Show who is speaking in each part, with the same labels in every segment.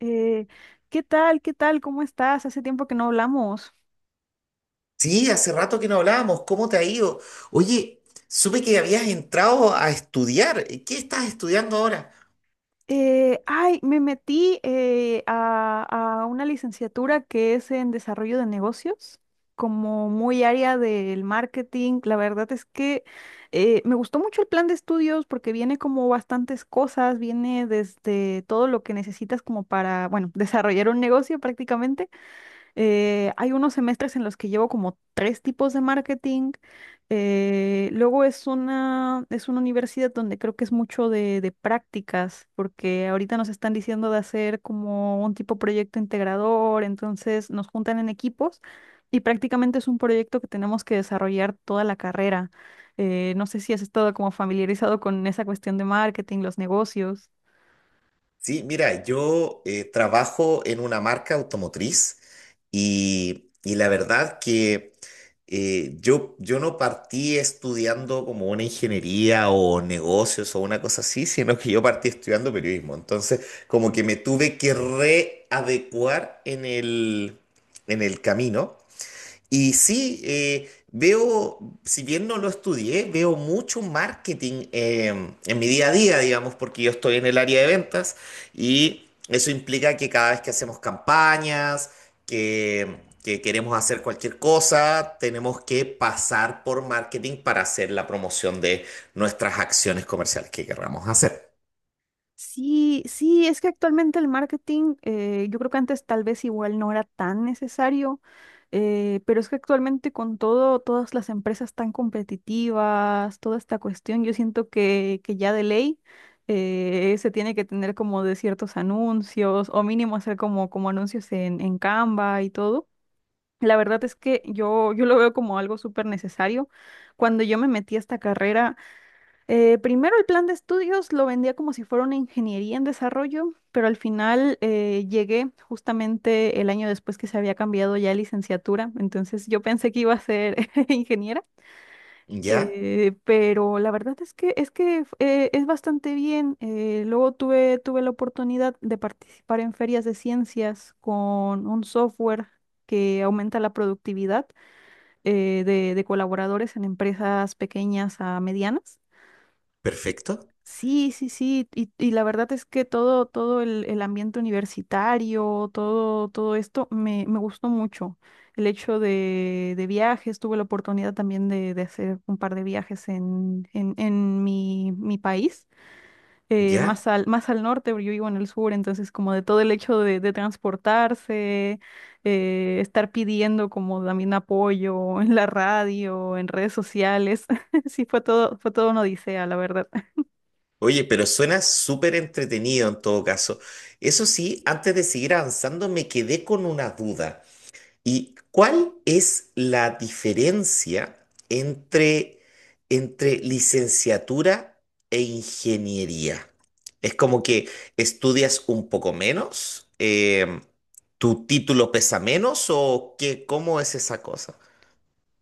Speaker 1: Eh, ¿Qué tal? ¿Qué tal? ¿Cómo estás? Hace tiempo que no hablamos.
Speaker 2: Sí, hace rato que no hablábamos. ¿Cómo te ha ido? Oye, supe que habías entrado a estudiar. ¿Qué estás estudiando ahora?
Speaker 1: Me metí a una licenciatura que es en desarrollo de negocios, como muy área del marketing. La verdad es que me gustó mucho el plan de estudios porque viene como bastantes cosas, viene desde todo lo que necesitas como para, bueno, desarrollar un negocio prácticamente. Hay unos semestres en los que llevo como tres tipos de marketing. Luego es una universidad donde creo que es mucho de prácticas, porque ahorita nos están diciendo de hacer como un tipo proyecto integrador, entonces nos juntan en equipos y prácticamente es un proyecto que tenemos que desarrollar toda la carrera. No sé si has estado como familiarizado con esa cuestión de marketing, los negocios.
Speaker 2: Sí, mira, yo trabajo en una marca automotriz y la verdad que yo no partí estudiando como una ingeniería o negocios o una cosa así, sino que yo partí estudiando periodismo. Entonces, como que me tuve que readecuar en en el camino. Y sí, veo, si bien no lo estudié, veo mucho marketing en mi día a día, digamos, porque yo estoy en el área de ventas y eso implica que cada vez que hacemos campañas, que, que queremos hacer cualquier cosa, tenemos que pasar por marketing para hacer la promoción de nuestras acciones comerciales que queramos hacer.
Speaker 1: Sí, sí, es que actualmente el marketing, yo creo que antes tal vez igual no era tan necesario, pero es que actualmente con todo, todas las empresas tan competitivas, toda esta cuestión, yo siento que ya de ley se tiene que tener como de ciertos anuncios o mínimo hacer como, como anuncios en Canva y todo. La verdad es que yo lo veo como algo súper necesario. Cuando yo me metí a esta carrera, primero el plan de estudios lo vendía como si fuera una ingeniería en desarrollo, pero al final llegué justamente el año después que se había cambiado ya a licenciatura, entonces yo pensé que iba a ser ingeniera,
Speaker 2: ¿Ya?
Speaker 1: pero la verdad es que es bastante bien. Luego tuve la oportunidad de participar en ferias de ciencias con un software que aumenta la productividad de colaboradores en empresas pequeñas a medianas. Y-
Speaker 2: Perfecto.
Speaker 1: Sí, sí, sí, y la verdad es que todo, todo el ambiente universitario, todo, todo esto me, me gustó mucho. El hecho de viajes, tuve la oportunidad también de hacer un par de viajes en mi, mi país,
Speaker 2: ¿Ya?
Speaker 1: más al norte, porque yo vivo en el sur, entonces como de todo el hecho de transportarse, estar pidiendo como también apoyo en la radio, en redes sociales, sí, fue todo una odisea, la verdad.
Speaker 2: Oye, pero suena súper entretenido en todo caso. Eso sí, antes de seguir avanzando, me quedé con una duda. ¿Y cuál es la diferencia entre, licenciatura e ingeniería? Es como que estudias un poco menos, tu título pesa menos o qué, ¿cómo es esa cosa?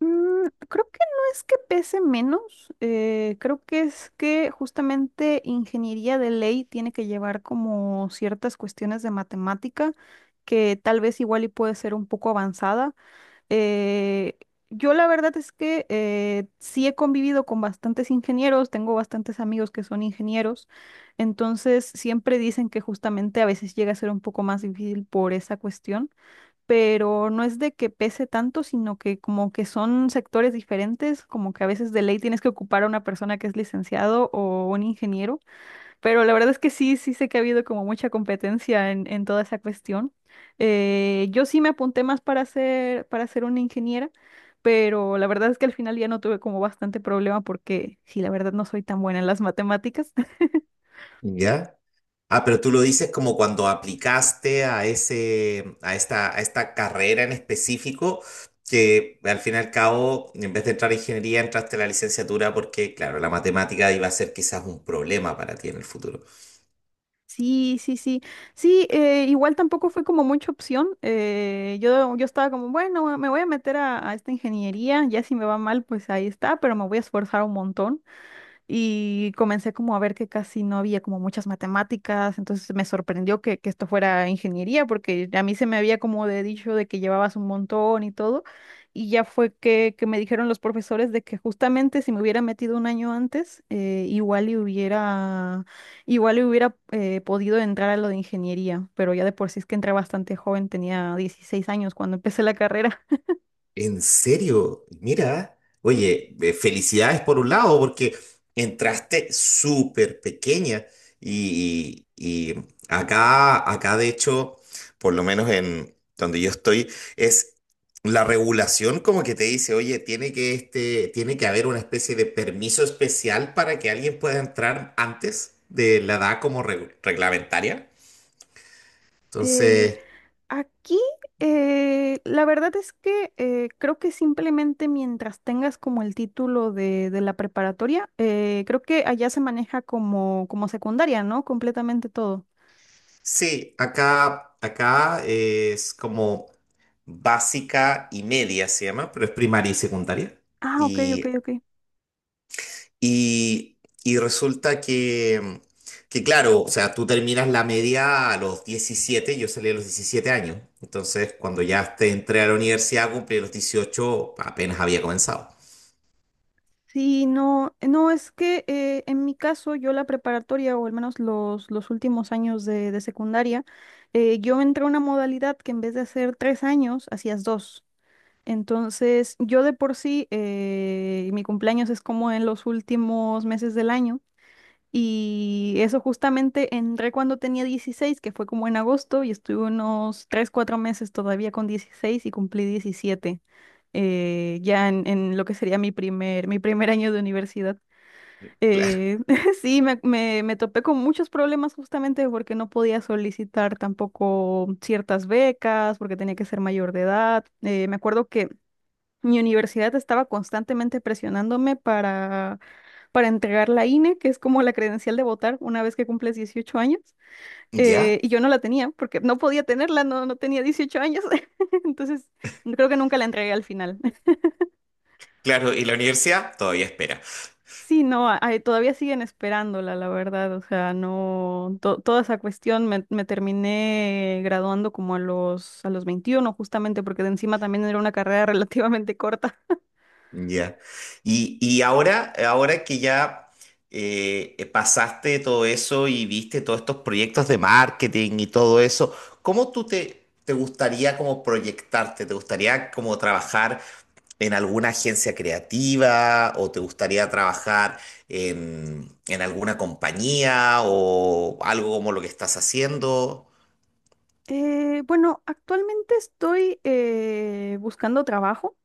Speaker 1: Mm, creo que no es que pese menos, creo que es que justamente ingeniería de ley tiene que llevar como ciertas cuestiones de matemática que tal vez igual y puede ser un poco avanzada. Eh, yo la verdad es que sí he convivido con bastantes ingenieros, tengo bastantes amigos que son ingenieros, entonces siempre dicen que justamente a veces llega a ser un poco más difícil por esa cuestión, pero no es de que pese tanto, sino que como que son sectores diferentes, como que a veces de ley tienes que ocupar a una persona que es licenciado o un ingeniero, pero la verdad es que sí, sí sé que ha habido como mucha competencia en toda esa cuestión. Yo sí me apunté más para ser una ingeniera, pero la verdad es que al final ya no tuve como bastante problema porque sí, la verdad no soy tan buena en las matemáticas.
Speaker 2: Ya. Ah, pero tú lo dices como cuando aplicaste a ese, a esta carrera en específico, que al fin y al cabo, en vez de entrar a ingeniería, entraste a la licenciatura porque, claro, la matemática iba a ser quizás un problema para ti en el futuro.
Speaker 1: Sí, sí, sí. Sí, igual tampoco fue como mucha opción. Yo estaba como, bueno, me voy a meter a esta ingeniería, ya si me va mal, pues ahí está, pero me voy a esforzar un montón y comencé como a ver que casi no había como muchas matemáticas, entonces me sorprendió que esto fuera ingeniería, porque a mí se me había como de dicho de que llevabas un montón y todo, y ya fue que me dijeron los profesores de que justamente si me hubiera metido un año antes, igual y hubiera, podido entrar a lo de ingeniería, pero ya de por sí es que entré bastante joven, tenía 16 años cuando empecé la carrera.
Speaker 2: ¿En serio? Mira, oye, felicidades por un lado, porque entraste súper pequeña y acá de hecho, por lo menos en donde yo estoy, es la regulación como que te dice, oye, tiene que, este, tiene que haber una especie de permiso especial para que alguien pueda entrar antes de la edad como reglamentaria.
Speaker 1: Eh,
Speaker 2: Entonces...
Speaker 1: Aquí, la verdad es que creo que simplemente mientras tengas como el título de la preparatoria, creo que allá se maneja como, como secundaria, ¿no? Completamente todo.
Speaker 2: Sí, acá es como básica y media se llama, pero es primaria y secundaria.
Speaker 1: Ah, ok, ok,
Speaker 2: Y,
Speaker 1: ok.
Speaker 2: y, y resulta que, claro, o sea, tú terminas la media a los 17, yo salí a los 17 años. Entonces, cuando ya te entré a la universidad, cumplí los 18, apenas había comenzado.
Speaker 1: Sí, no, no, es que en mi caso yo la preparatoria o al menos los últimos años de secundaria, yo entré a una modalidad que en vez de hacer tres años, hacías dos. Entonces, yo de por sí, mi cumpleaños es como en los últimos meses del año. Y eso justamente entré cuando tenía 16, que fue como en agosto, y estuve unos tres, 4 meses todavía con 16 y cumplí 17 ya en lo que sería mi primer año de universidad.
Speaker 2: Claro.
Speaker 1: Eh, sí, me topé con muchos problemas justamente porque no podía solicitar tampoco ciertas becas, porque tenía que ser mayor de edad. Me acuerdo que mi universidad estaba constantemente presionándome para entregar la INE, que es como la credencial de votar una vez que cumples 18 años,
Speaker 2: ¿Ya?
Speaker 1: y yo no la tenía porque no podía tenerla, no, no tenía 18 años, entonces creo que nunca la entregué al final.
Speaker 2: Claro, y la universidad todavía espera.
Speaker 1: Sí, no, todavía siguen esperándola, la verdad, o sea, no, toda esa cuestión me, me terminé graduando como a los 21, justamente porque de encima también era una carrera relativamente corta.
Speaker 2: Ya. Y ahora, que ya pasaste todo eso y viste todos estos proyectos de marketing y todo eso, ¿cómo tú te, te gustaría como proyectarte? ¿Te gustaría como trabajar en alguna agencia creativa o te gustaría trabajar en, alguna compañía o algo como lo que estás haciendo?
Speaker 1: Bueno, actualmente estoy buscando trabajo.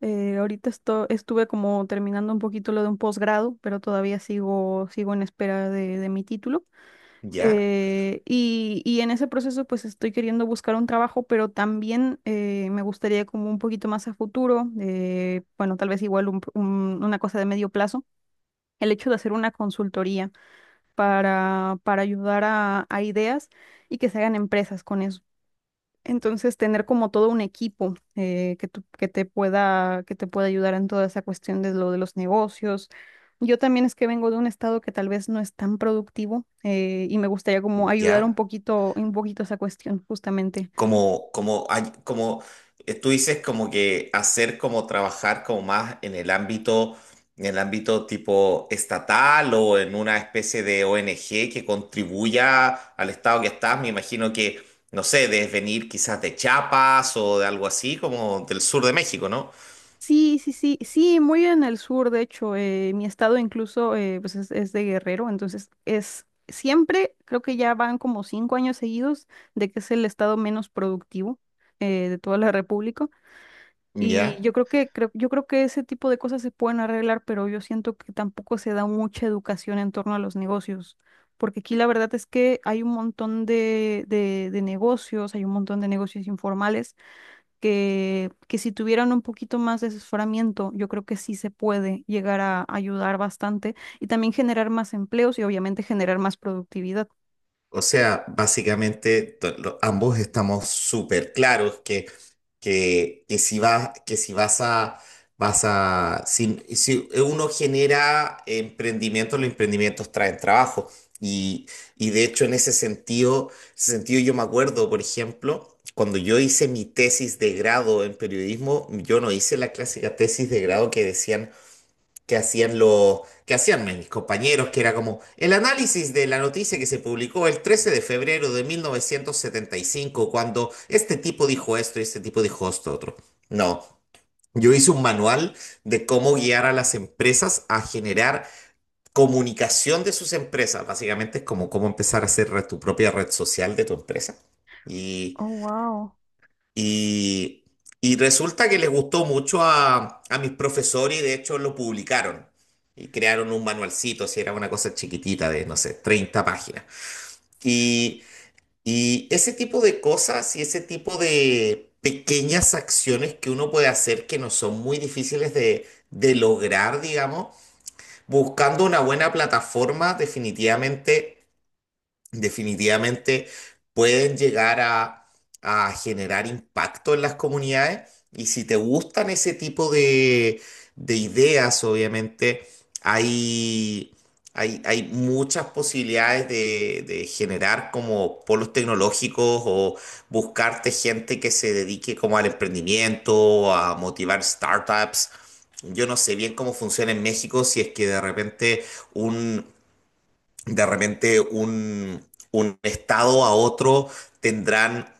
Speaker 1: Ahorita estuve como terminando un poquito lo de un posgrado, pero todavía sigo, sigo en espera de mi título.
Speaker 2: ¿Ya?
Speaker 1: Y, y en ese proceso pues estoy queriendo buscar un trabajo, pero también me gustaría como un poquito más a futuro, bueno, tal vez igual una cosa de medio plazo, el hecho de hacer una consultoría para ayudar a ideas y que se hagan empresas con eso. Entonces, tener como todo un equipo que te pueda ayudar en toda esa cuestión de lo de los negocios. Yo también es que vengo de un estado que tal vez no es tan productivo, y me gustaría como ayudar
Speaker 2: ¿Ya?
Speaker 1: un poquito esa cuestión, justamente.
Speaker 2: como, como, hay- como tú dices, como que hacer como trabajar como más en el ámbito tipo estatal o en una especie de ONG que contribuya al estado que estás, me imagino que, no sé, debes venir quizás de Chiapas o de algo así, como del sur de México, ¿no?
Speaker 1: Sí, sí, sí, sí, muy en el sur, de hecho, mi estado incluso pues es de Guerrero, entonces es siempre, creo que ya van como 5 años seguidos de que es el estado menos productivo de toda la República. Y
Speaker 2: Ya.
Speaker 1: yo creo que, yo creo que ese tipo de cosas se pueden arreglar, pero yo siento que tampoco se da mucha educación en torno a los negocios, porque aquí la verdad es que hay un montón de, de negocios, hay un montón de negocios informales que si tuvieran un poquito más de asesoramiento, yo creo que sí se puede llegar a ayudar bastante y también generar más empleos y obviamente generar más productividad.
Speaker 2: O sea, básicamente ambos estamos súper claros que si vas a, vas a, si, si uno genera emprendimientos, los emprendimientos traen trabajo. Y, y de hecho, en ese sentido, yo me acuerdo, por ejemplo, cuando yo hice mi tesis de grado en periodismo, yo no hice la clásica tesis de grado que decían que hacían los, que hacían mis compañeros, que era como el análisis de la noticia que se publicó el 13 de febrero de 1975 cuando este tipo dijo esto y este tipo dijo esto otro. No, yo hice un manual de cómo guiar a las empresas a generar comunicación de sus empresas. Básicamente es como cómo empezar a hacer tu propia red social de tu empresa.
Speaker 1: Oh, wow.
Speaker 2: Y, y resulta que les gustó mucho a mis profesores y de hecho lo publicaron. Y crearon un manualcito, si era una cosa chiquitita de, no sé, 30 páginas. Y, y ese tipo de cosas y ese tipo de pequeñas acciones que uno puede hacer que no son muy difíciles de lograr, digamos, buscando una buena plataforma, definitivamente pueden llegar a generar impacto en las comunidades. Y si te gustan ese tipo de ideas, obviamente hay, hay muchas posibilidades de generar como polos tecnológicos o buscarte gente que se dedique como al emprendimiento, a motivar startups. Yo no sé bien cómo funciona en México, si es que un, de repente un estado a otro tendrán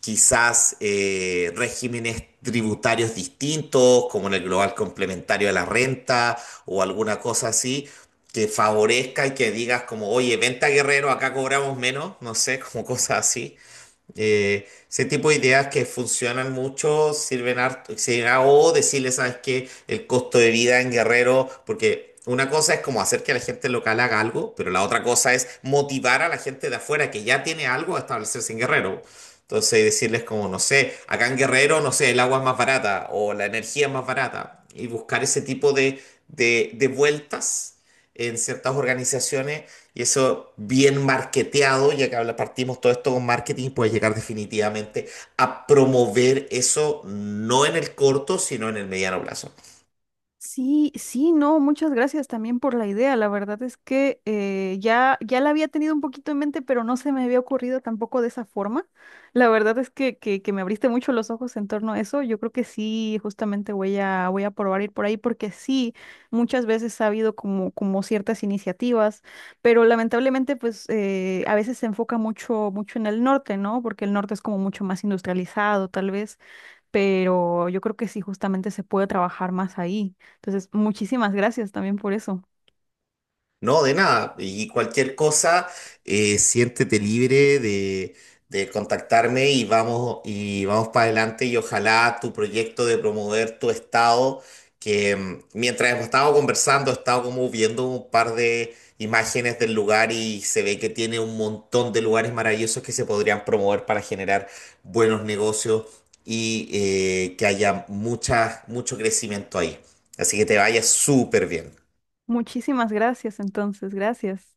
Speaker 2: quizás regímenes tributarios distintos, como en el global complementario de la renta o alguna cosa así, que favorezca y que digas como, oye, venta Guerrero, acá cobramos menos, no sé, como cosas así. Ese tipo de ideas que funcionan mucho sirven harto, sirven o decirle, ¿sabes qué? El costo de vida en Guerrero, porque una cosa es como hacer que la gente local haga algo, pero la otra cosa es motivar a la gente de afuera que ya tiene algo a establecerse en Guerrero. Entonces decirles como, no sé, acá en Guerrero, no sé, el agua es más barata o la energía es más barata y buscar ese tipo de, de vueltas en ciertas organizaciones y eso bien marketeado, ya que partimos todo esto con marketing, puede llegar definitivamente a promover eso no en el corto, sino en el mediano plazo.
Speaker 1: Sí, sí, no, muchas gracias también por la idea. La verdad es que ya, ya la había tenido un poquito en mente, pero no se me había ocurrido tampoco de esa forma. La verdad es que me abriste mucho los ojos en torno a eso. Yo creo que sí, justamente voy a, voy a probar ir por ahí, porque sí, muchas veces ha habido como, como ciertas iniciativas, pero lamentablemente, pues a veces se enfoca mucho, mucho en el norte, ¿no? Porque el norte es como mucho más industrializado, tal vez, pero yo creo que sí, justamente se puede trabajar más ahí. Entonces, muchísimas gracias también por eso.
Speaker 2: No, de nada. Y cualquier cosa, siéntete libre de contactarme y vamos para adelante y ojalá tu proyecto de promover tu estado, que mm, mientras hemos estado conversando, he estado como viendo un par de imágenes del lugar y se ve que tiene un montón de lugares maravillosos que se podrían promover para generar buenos negocios y que haya mucho crecimiento ahí. Así que te vaya súper bien.
Speaker 1: Muchísimas gracias, entonces, gracias.